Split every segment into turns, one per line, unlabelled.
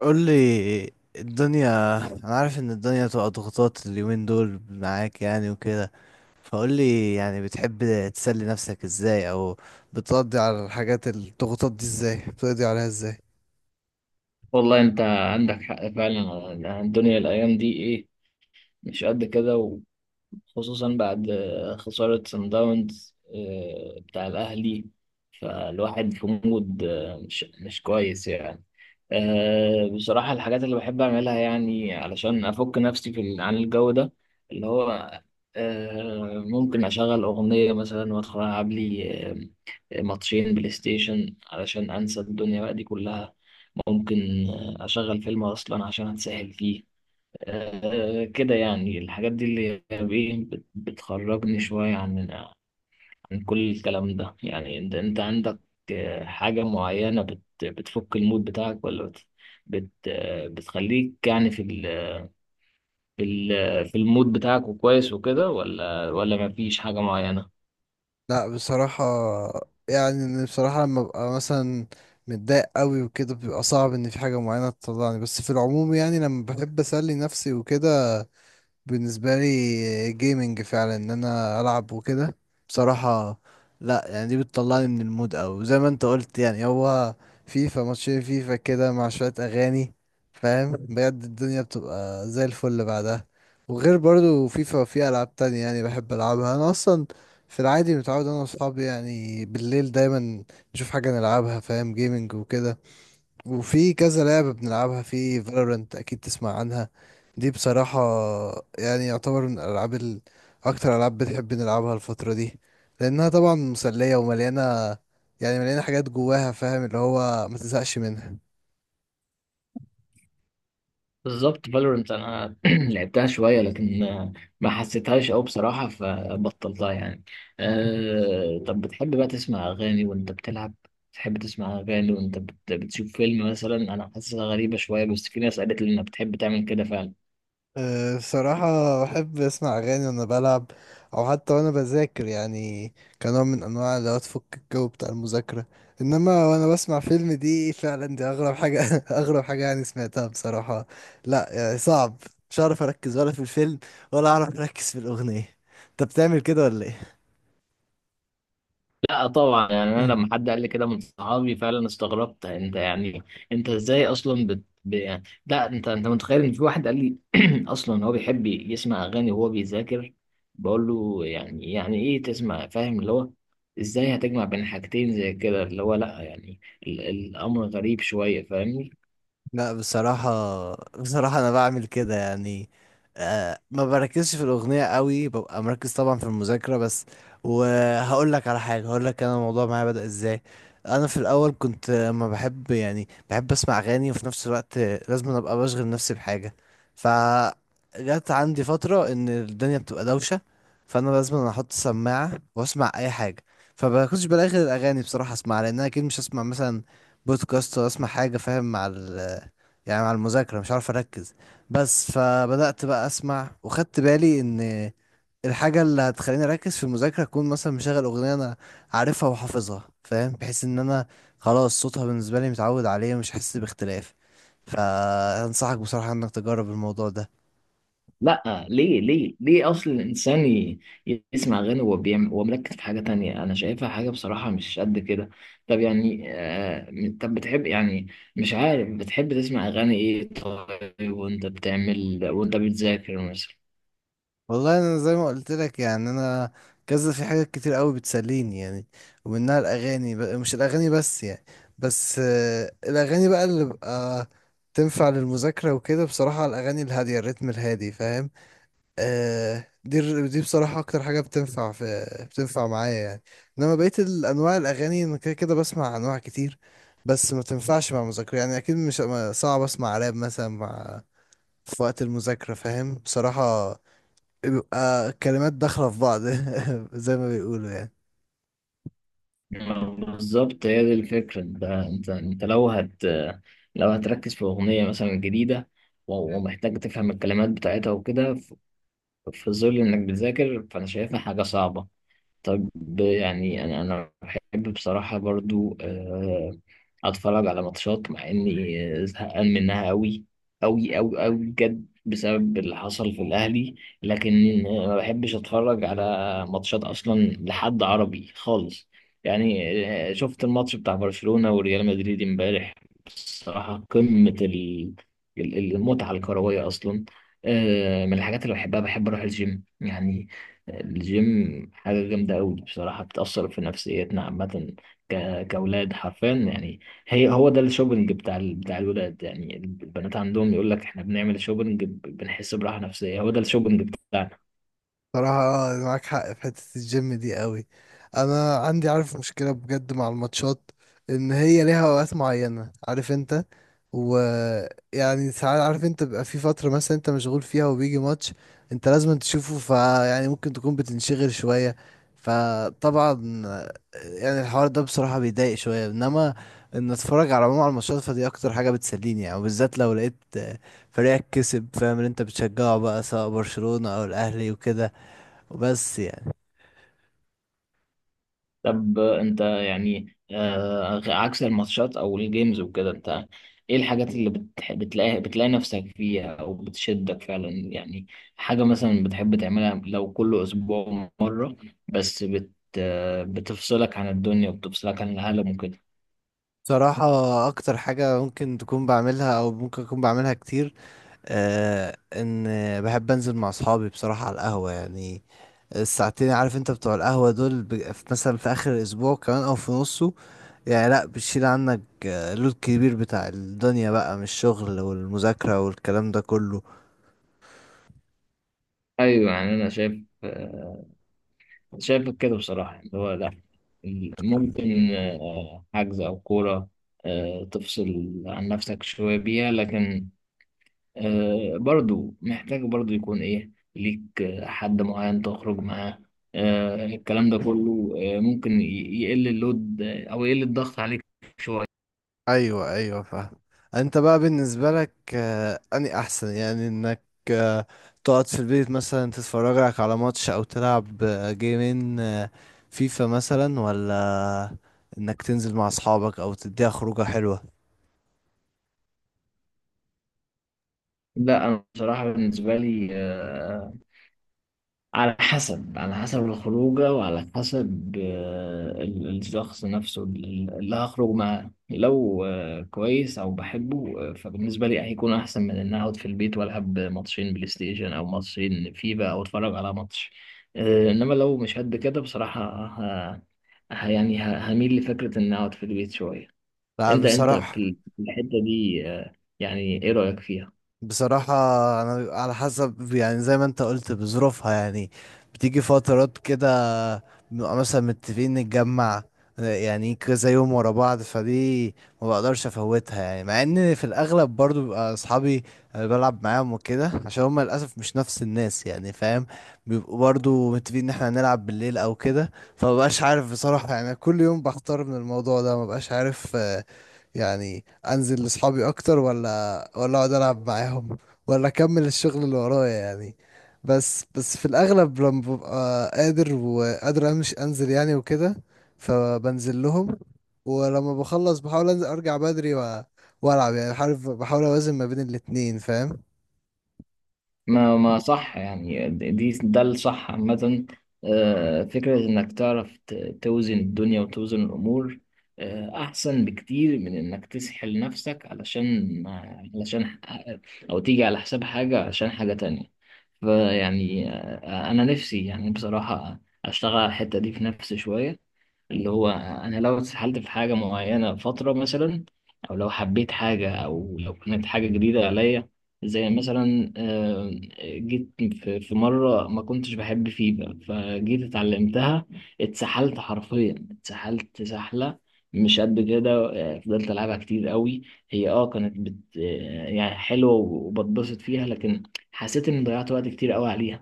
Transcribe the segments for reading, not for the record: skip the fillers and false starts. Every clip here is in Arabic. قول لي الدنيا. انا عارف ان الدنيا تبقى ضغوطات اليومين دول معاك يعني وكده. فقول لي يعني بتحب تسلي نفسك ازاي، او بتقضي على الحاجات الضغوطات دي ازاي، بتقضي عليها ازاي؟
والله انت عندك حق فعلا، الدنيا الايام دي ايه مش قد كده. خصوصا بعد خسارة سان داونز بتاع الأهلي. فالواحد في مود مش كويس يعني. بصراحة، الحاجات اللي بحب أعملها يعني علشان أفك نفسي عن الجو ده. اللي هو ممكن أشغل أغنية مثلا وأدخل ألعب لي ماتشين بلاي ستيشن علشان أنسى الدنيا بقى دي كلها. ممكن أشغل فيلم أصلا عشان أتسهل فيه. كده يعني، الحاجات دي اللي هي إيه بتخرجني شوية عن كل الكلام ده. يعني انت عندك حاجة معينة بتفك المود بتاعك، ولا بت بت آه، بتخليك يعني في المود بتاعك وكويس وكده، ولا مفيش حاجة معينة؟
لا بصراحة، يعني إن بصراحة لما ببقى مثلا متضايق قوي وكده بيبقى صعب ان في حاجة معينة تطلعني، بس في العموم يعني لما بحب اسلي نفسي وكده، بالنسبة لي جيمنج فعلا، ان انا العب وكده بصراحة. لا يعني دي بتطلعني من المود، او زي ما انت قلت يعني هو فيفا ماتشين فيفا كده مع شوية اغاني، فاهم، بجد الدنيا بتبقى زي الفل بعدها. وغير برضو فيفا في العاب تانية يعني بحب العبها انا اصلا، في العادي متعود انا واصحابي يعني بالليل دايما نشوف حاجة نلعبها، فاهم، جيمنج وكده. وفي كذا لعبة بنلعبها، في فالورنت أكيد تسمع عنها، دي بصراحة يعني يعتبر من الألعاب ال... أكتر ألعاب بنحب نلعبها الفترة دي، لأنها طبعا مسلية ومليانة، يعني مليانة حاجات جواها، فاهم، اللي هو ما تزهقش منها.
بالظبط. فالورنت انا لعبتها شويه، لكن ما حسيتهاش قوي بصراحه فبطلتها يعني. طب بتحب بقى تسمع اغاني وانت بتلعب؟ بتحب تسمع اغاني وانت بتشوف فيلم مثلا؟ انا حاسسها غريبه شويه، بس في ناس قالت لي انها بتحب تعمل كده.
بصراحة بحب أسمع أغاني وأنا بلعب، أو حتى وأنا بذاكر يعني، كنوع من أنواع اللي هو تفك الجو بتاع المذاكرة. إنما وأنا بسمع فيلم، دي فعلا دي أغرب حاجة أغرب حاجة يعني سمعتها بصراحة. لا يعني صعب، مش هعرف أركز ولا في الفيلم، ولا أعرف أركز في الأغنية. أنت بتعمل كده ولا إيه؟
لا طبعا، يعني انا لما حد قال لي كده من صحابي فعلا استغربت. انت يعني، انت ازاي اصلا يعني، لا انت متخيل ان في واحد قال لي اصلا هو بيحب يسمع اغاني وهو بيذاكر؟ بقول له يعني يعني ايه تسمع، فاهم اللي هو، ازاي هتجمع بين حاجتين زي كده؟ اللي هو لا يعني الامر غريب شويه فاهمني.
لا بصراحة، بصراحة أنا بعمل كده يعني. ما بركزش في الأغنية قوي، ببقى مركز طبعا في المذاكرة بس. وهقول لك على حاجة، هقول لك أنا الموضوع معايا بدأ إزاي. أنا في الأول كنت ما بحب، يعني بحب أسمع أغاني وفي نفس الوقت لازم أنا أبقى بشغل نفسي بحاجة. فجت عندي فترة إن الدنيا بتبقى دوشة، فأنا لازم أنا أحط سماعة وأسمع أي حاجة. فبكنتش بلاقي غير الأغاني بصراحة أسمعها، لأن أنا أكيد مش هسمع مثلا بودكاست، ولا أسمع حاجة فاهم مع ال، يعني مع المذاكرة مش عارف أركز. بس فبدأت بقى أسمع وخدت بالي إن الحاجة اللي هتخليني أركز في المذاكرة أكون مثلا مشغل أغنية أنا عارفها وحافظها، فاهم، بحيث إن أنا خلاص صوتها بالنسبة لي متعود عليه ومش حاسس باختلاف. فأنصحك بصراحة إنك تجرب الموضوع ده.
لا، ليه ليه ليه؟ اصل الانسان يسمع اغاني وهو بيعمل وهو مركز في حاجه تانية، انا شايفها حاجه بصراحه مش قد كده. طب يعني طب بتحب يعني، مش عارف، بتحب تسمع اغاني ايه طيب وانت بتعمل وانت بتذاكر مثلا؟
والله انا زي ما قلت لك يعني، انا كذا في حاجات كتير قوي بتسليني يعني، ومنها الاغاني، مش الاغاني بس يعني، بس الاغاني بقى اللي بقى تنفع للمذاكره وكده، بصراحه الاغاني الهاديه، الريتم الهادي فاهم. آه دي دي بصراحه اكتر حاجه بتنفع معايا يعني. انما بقيت الانواع الاغاني انا كده كده بسمع انواع كتير، بس ما تنفعش مع مذاكره، يعني اكيد مش صعب اسمع راب مثلا مع، في وقت المذاكره فاهم بصراحه، بيبقى كلمات داخلة في بعض زي ما بيقولوا يعني.
بالظبط، هي دي الفكره. انت لو هتركز في اغنيه مثلا جديده ومحتاج تفهم الكلمات بتاعتها وكده في ظل انك بتذاكر، فانا شايفها حاجه صعبه. طب يعني انا بحب بصراحه برضو اتفرج على ماتشات، مع اني زهقان منها قوي قوي قوي قوي بجد بسبب اللي حصل في الاهلي. لكن ما بحبش اتفرج على ماتشات اصلا لحد عربي خالص يعني. شفت الماتش بتاع برشلونه وريال مدريد امبارح. بصراحه قمه المتعه الكرويه اصلا. من الحاجات اللي بحبها، بحب اروح الجيم يعني. الجيم حاجة جامدة أوي بصراحة، بتأثر في نفسيتنا عامة كأولاد حرفيا يعني. هو ده الشوبينج بتاع بتاع الولاد. يعني البنات عندهم يقول لك إحنا بنعمل شوبينج، بنحس براحة نفسية. هو ده الشوبينج بتاعنا.
صراحة معاك حق في حتة الجيم دي قوي. انا عندي عارف مشكلة بجد مع الماتشات، ان هي ليها اوقات معينة عارف انت، ويعني ساعات عارف انت بيبقى في فترة مثلا انت مشغول فيها وبيجي ماتش انت لازم تشوفه، فيعني ممكن تكون بتنشغل شوية. فطبعا يعني الحوار ده بصراحة بيضايق شوية، انما ان اتفرج على العموم على الماتشات، فدي اكتر حاجة بتسليني يعني، وبالذات لو لقيت فريقك كسب، فاهم، اللي انت بتشجعه بقى، سواء برشلونة او الاهلي وكده، وبس يعني.
طب انت يعني عكس الماتشات او الجيمز وكده، انت ايه الحاجات اللي بتلاقي نفسك فيها او بتشدك فعلا يعني؟ حاجة مثلا بتحب تعملها لو كل اسبوع مرة، بس بت... آه، بتفصلك عن الدنيا وبتفصلك عن العالم وكده.
صراحة أكتر حاجة ممكن تكون بعملها، أو ممكن أكون بعملها كتير، آه إن بحب أنزل مع أصحابي بصراحة على القهوة يعني، الساعتين عارف أنت بتوع القهوة دول، مثلا في آخر الأسبوع كمان أو في نصه، يعني لأ بتشيل عنك اللود كبير بتاع الدنيا بقى، من الشغل والمذاكرة والكلام ده كله.
ايوه، يعني انا شايف كده بصراحة، اللي هو لا. ممكن حجز او كورة تفصل عن نفسك شوية بيها، لكن برضو محتاج برضو يكون ايه ليك حد معين تخرج معاه. الكلام ده كله ممكن يقل اللود او يقل الضغط عليك شوية.
ايوه، ايوه فاهم. انت بقى بالنسبه لك اني احسن يعني، انك آه، تقعد في البيت مثلا تتفرج لك على ماتش، او تلعب جيمين فيفا مثلا، ولا انك تنزل مع اصحابك او تديها خروجه حلوه؟
لا انا بصراحة، بالنسبة لي على حسب الخروجة وعلى حسب الشخص نفسه، اللي هخرج معاه. لو كويس أو بحبه فبالنسبة لي هيكون أحسن من إن أقعد في البيت وألعب ماتشين بلاي ستيشن أو ماتشين فيفا أو أتفرج على ماتش. إنما لو مش قد كده بصراحة، ه... يعني هميل لفكرة إن أقعد في البيت شوية.
لا
أنت
بصراحه،
في الحتة دي يعني إيه رأيك فيها؟
بصراحة أنا على حسب يعني زي ما أنت قلت بظروفها يعني. بتيجي فترات كده بنبقى مثلا متفقين نتجمع، يعني كذا يوم ورا بعض، فدي ما بقدرش أفوتها، يعني مع إن في الأغلب برضو بيبقى أصحابي اللي بلعب معاهم وكده عشان هما للأسف مش نفس الناس يعني فاهم، بيبقوا برضو متفقين إن إحنا هنلعب بالليل أو كده. فمبقاش عارف بصراحة، يعني كل يوم بحتار من الموضوع ده مبقاش عارف، يعني انزل لاصحابي اكتر ولا اقعد العب معاهم، ولا اكمل الشغل اللي ورايا يعني. بس في الاغلب لما ببقى قادر وقادر امشي، انزل يعني وكده، فبنزل لهم. ولما بخلص بحاول انزل ارجع بدري و... والعب يعني، بحاول اوازن ما بين الاتنين فاهم.
ما صح يعني، ده الصح عامة. فكرة إنك تعرف توزن الدنيا وتوزن الأمور أحسن بكتير من إنك تسحل نفسك، علشان أو تيجي على حساب حاجة عشان حاجة تانية. فيعني أنا نفسي يعني بصراحة أشتغل على الحتة دي في نفسي شوية. اللي هو انا لو اتسحلت في حاجه معينه فتره مثلا، او لو حبيت حاجه، او لو كانت حاجه جديده عليا، زي مثلا جيت في مره ما كنتش بحب فيفا، فجيت اتعلمتها. اتسحلت حرفيا، اتسحلت سحله مش قد كده. فضلت العبها كتير قوي. هي كانت بت آه، يعني حلوه وبتبسط فيها، لكن حسيت اني ضيعت وقت كتير قوي عليها.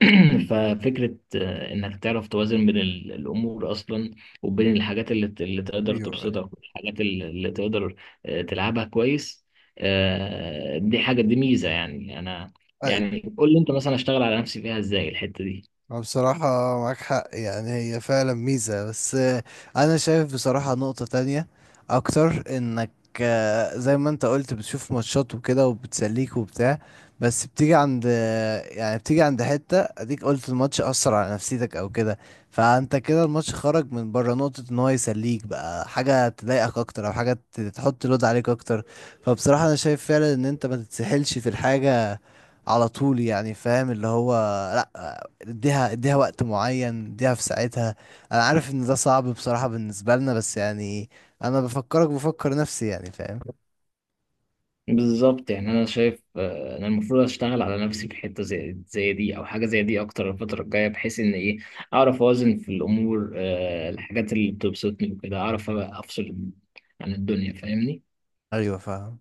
ففكرة إنك تعرف توازن بين الأمور أصلا، وبين الحاجات اللي تقدر
ايوه.
تبسطك، الحاجات اللي تقدر تلعبها كويس. دي حاجة، دي ميزة يعني. أنا يعني قول لي أنت مثلا أشتغل على نفسي فيها إزاي الحتة دي؟
أه بصراحة معاك حق يعني، هي فعلا ميزة، بس أنا شايف بصراحة نقطة تانية أكتر. إنك زي ما أنت قلت بتشوف ماتشات وكده وبتسليك وبتاع، بس بتيجي عند يعني بتيجي عند حتة أديك قلت الماتش أثر على نفسيتك أو كده. فأنت كده الماتش خرج من بره نقطة إن هو يسليك بقى، حاجة تضايقك أكتر، أو حاجة تحط لود عليك أكتر. فبصراحة أنا شايف فعلا إن أنت ما تتسحلش في الحاجة على طول يعني، فاهم، اللي هو لأ، اديها اديها وقت معين، اديها في ساعتها. انا عارف ان ده صعب بصراحة بالنسبة لنا بس يعني، انا بفكرك بفكر نفسي يعني فاهم.
بالظبط، يعني أنا شايف أنا المفروض أشتغل على نفسي في حتة زي دي أو حاجة زي دي أكتر الفترة الجاية، بحيث إن إيه، أعرف أوازن في الأمور. الحاجات اللي بتبسطني وكده أعرف أبقى أفصل عن الدنيا، فاهمني.
ايوه فاهم.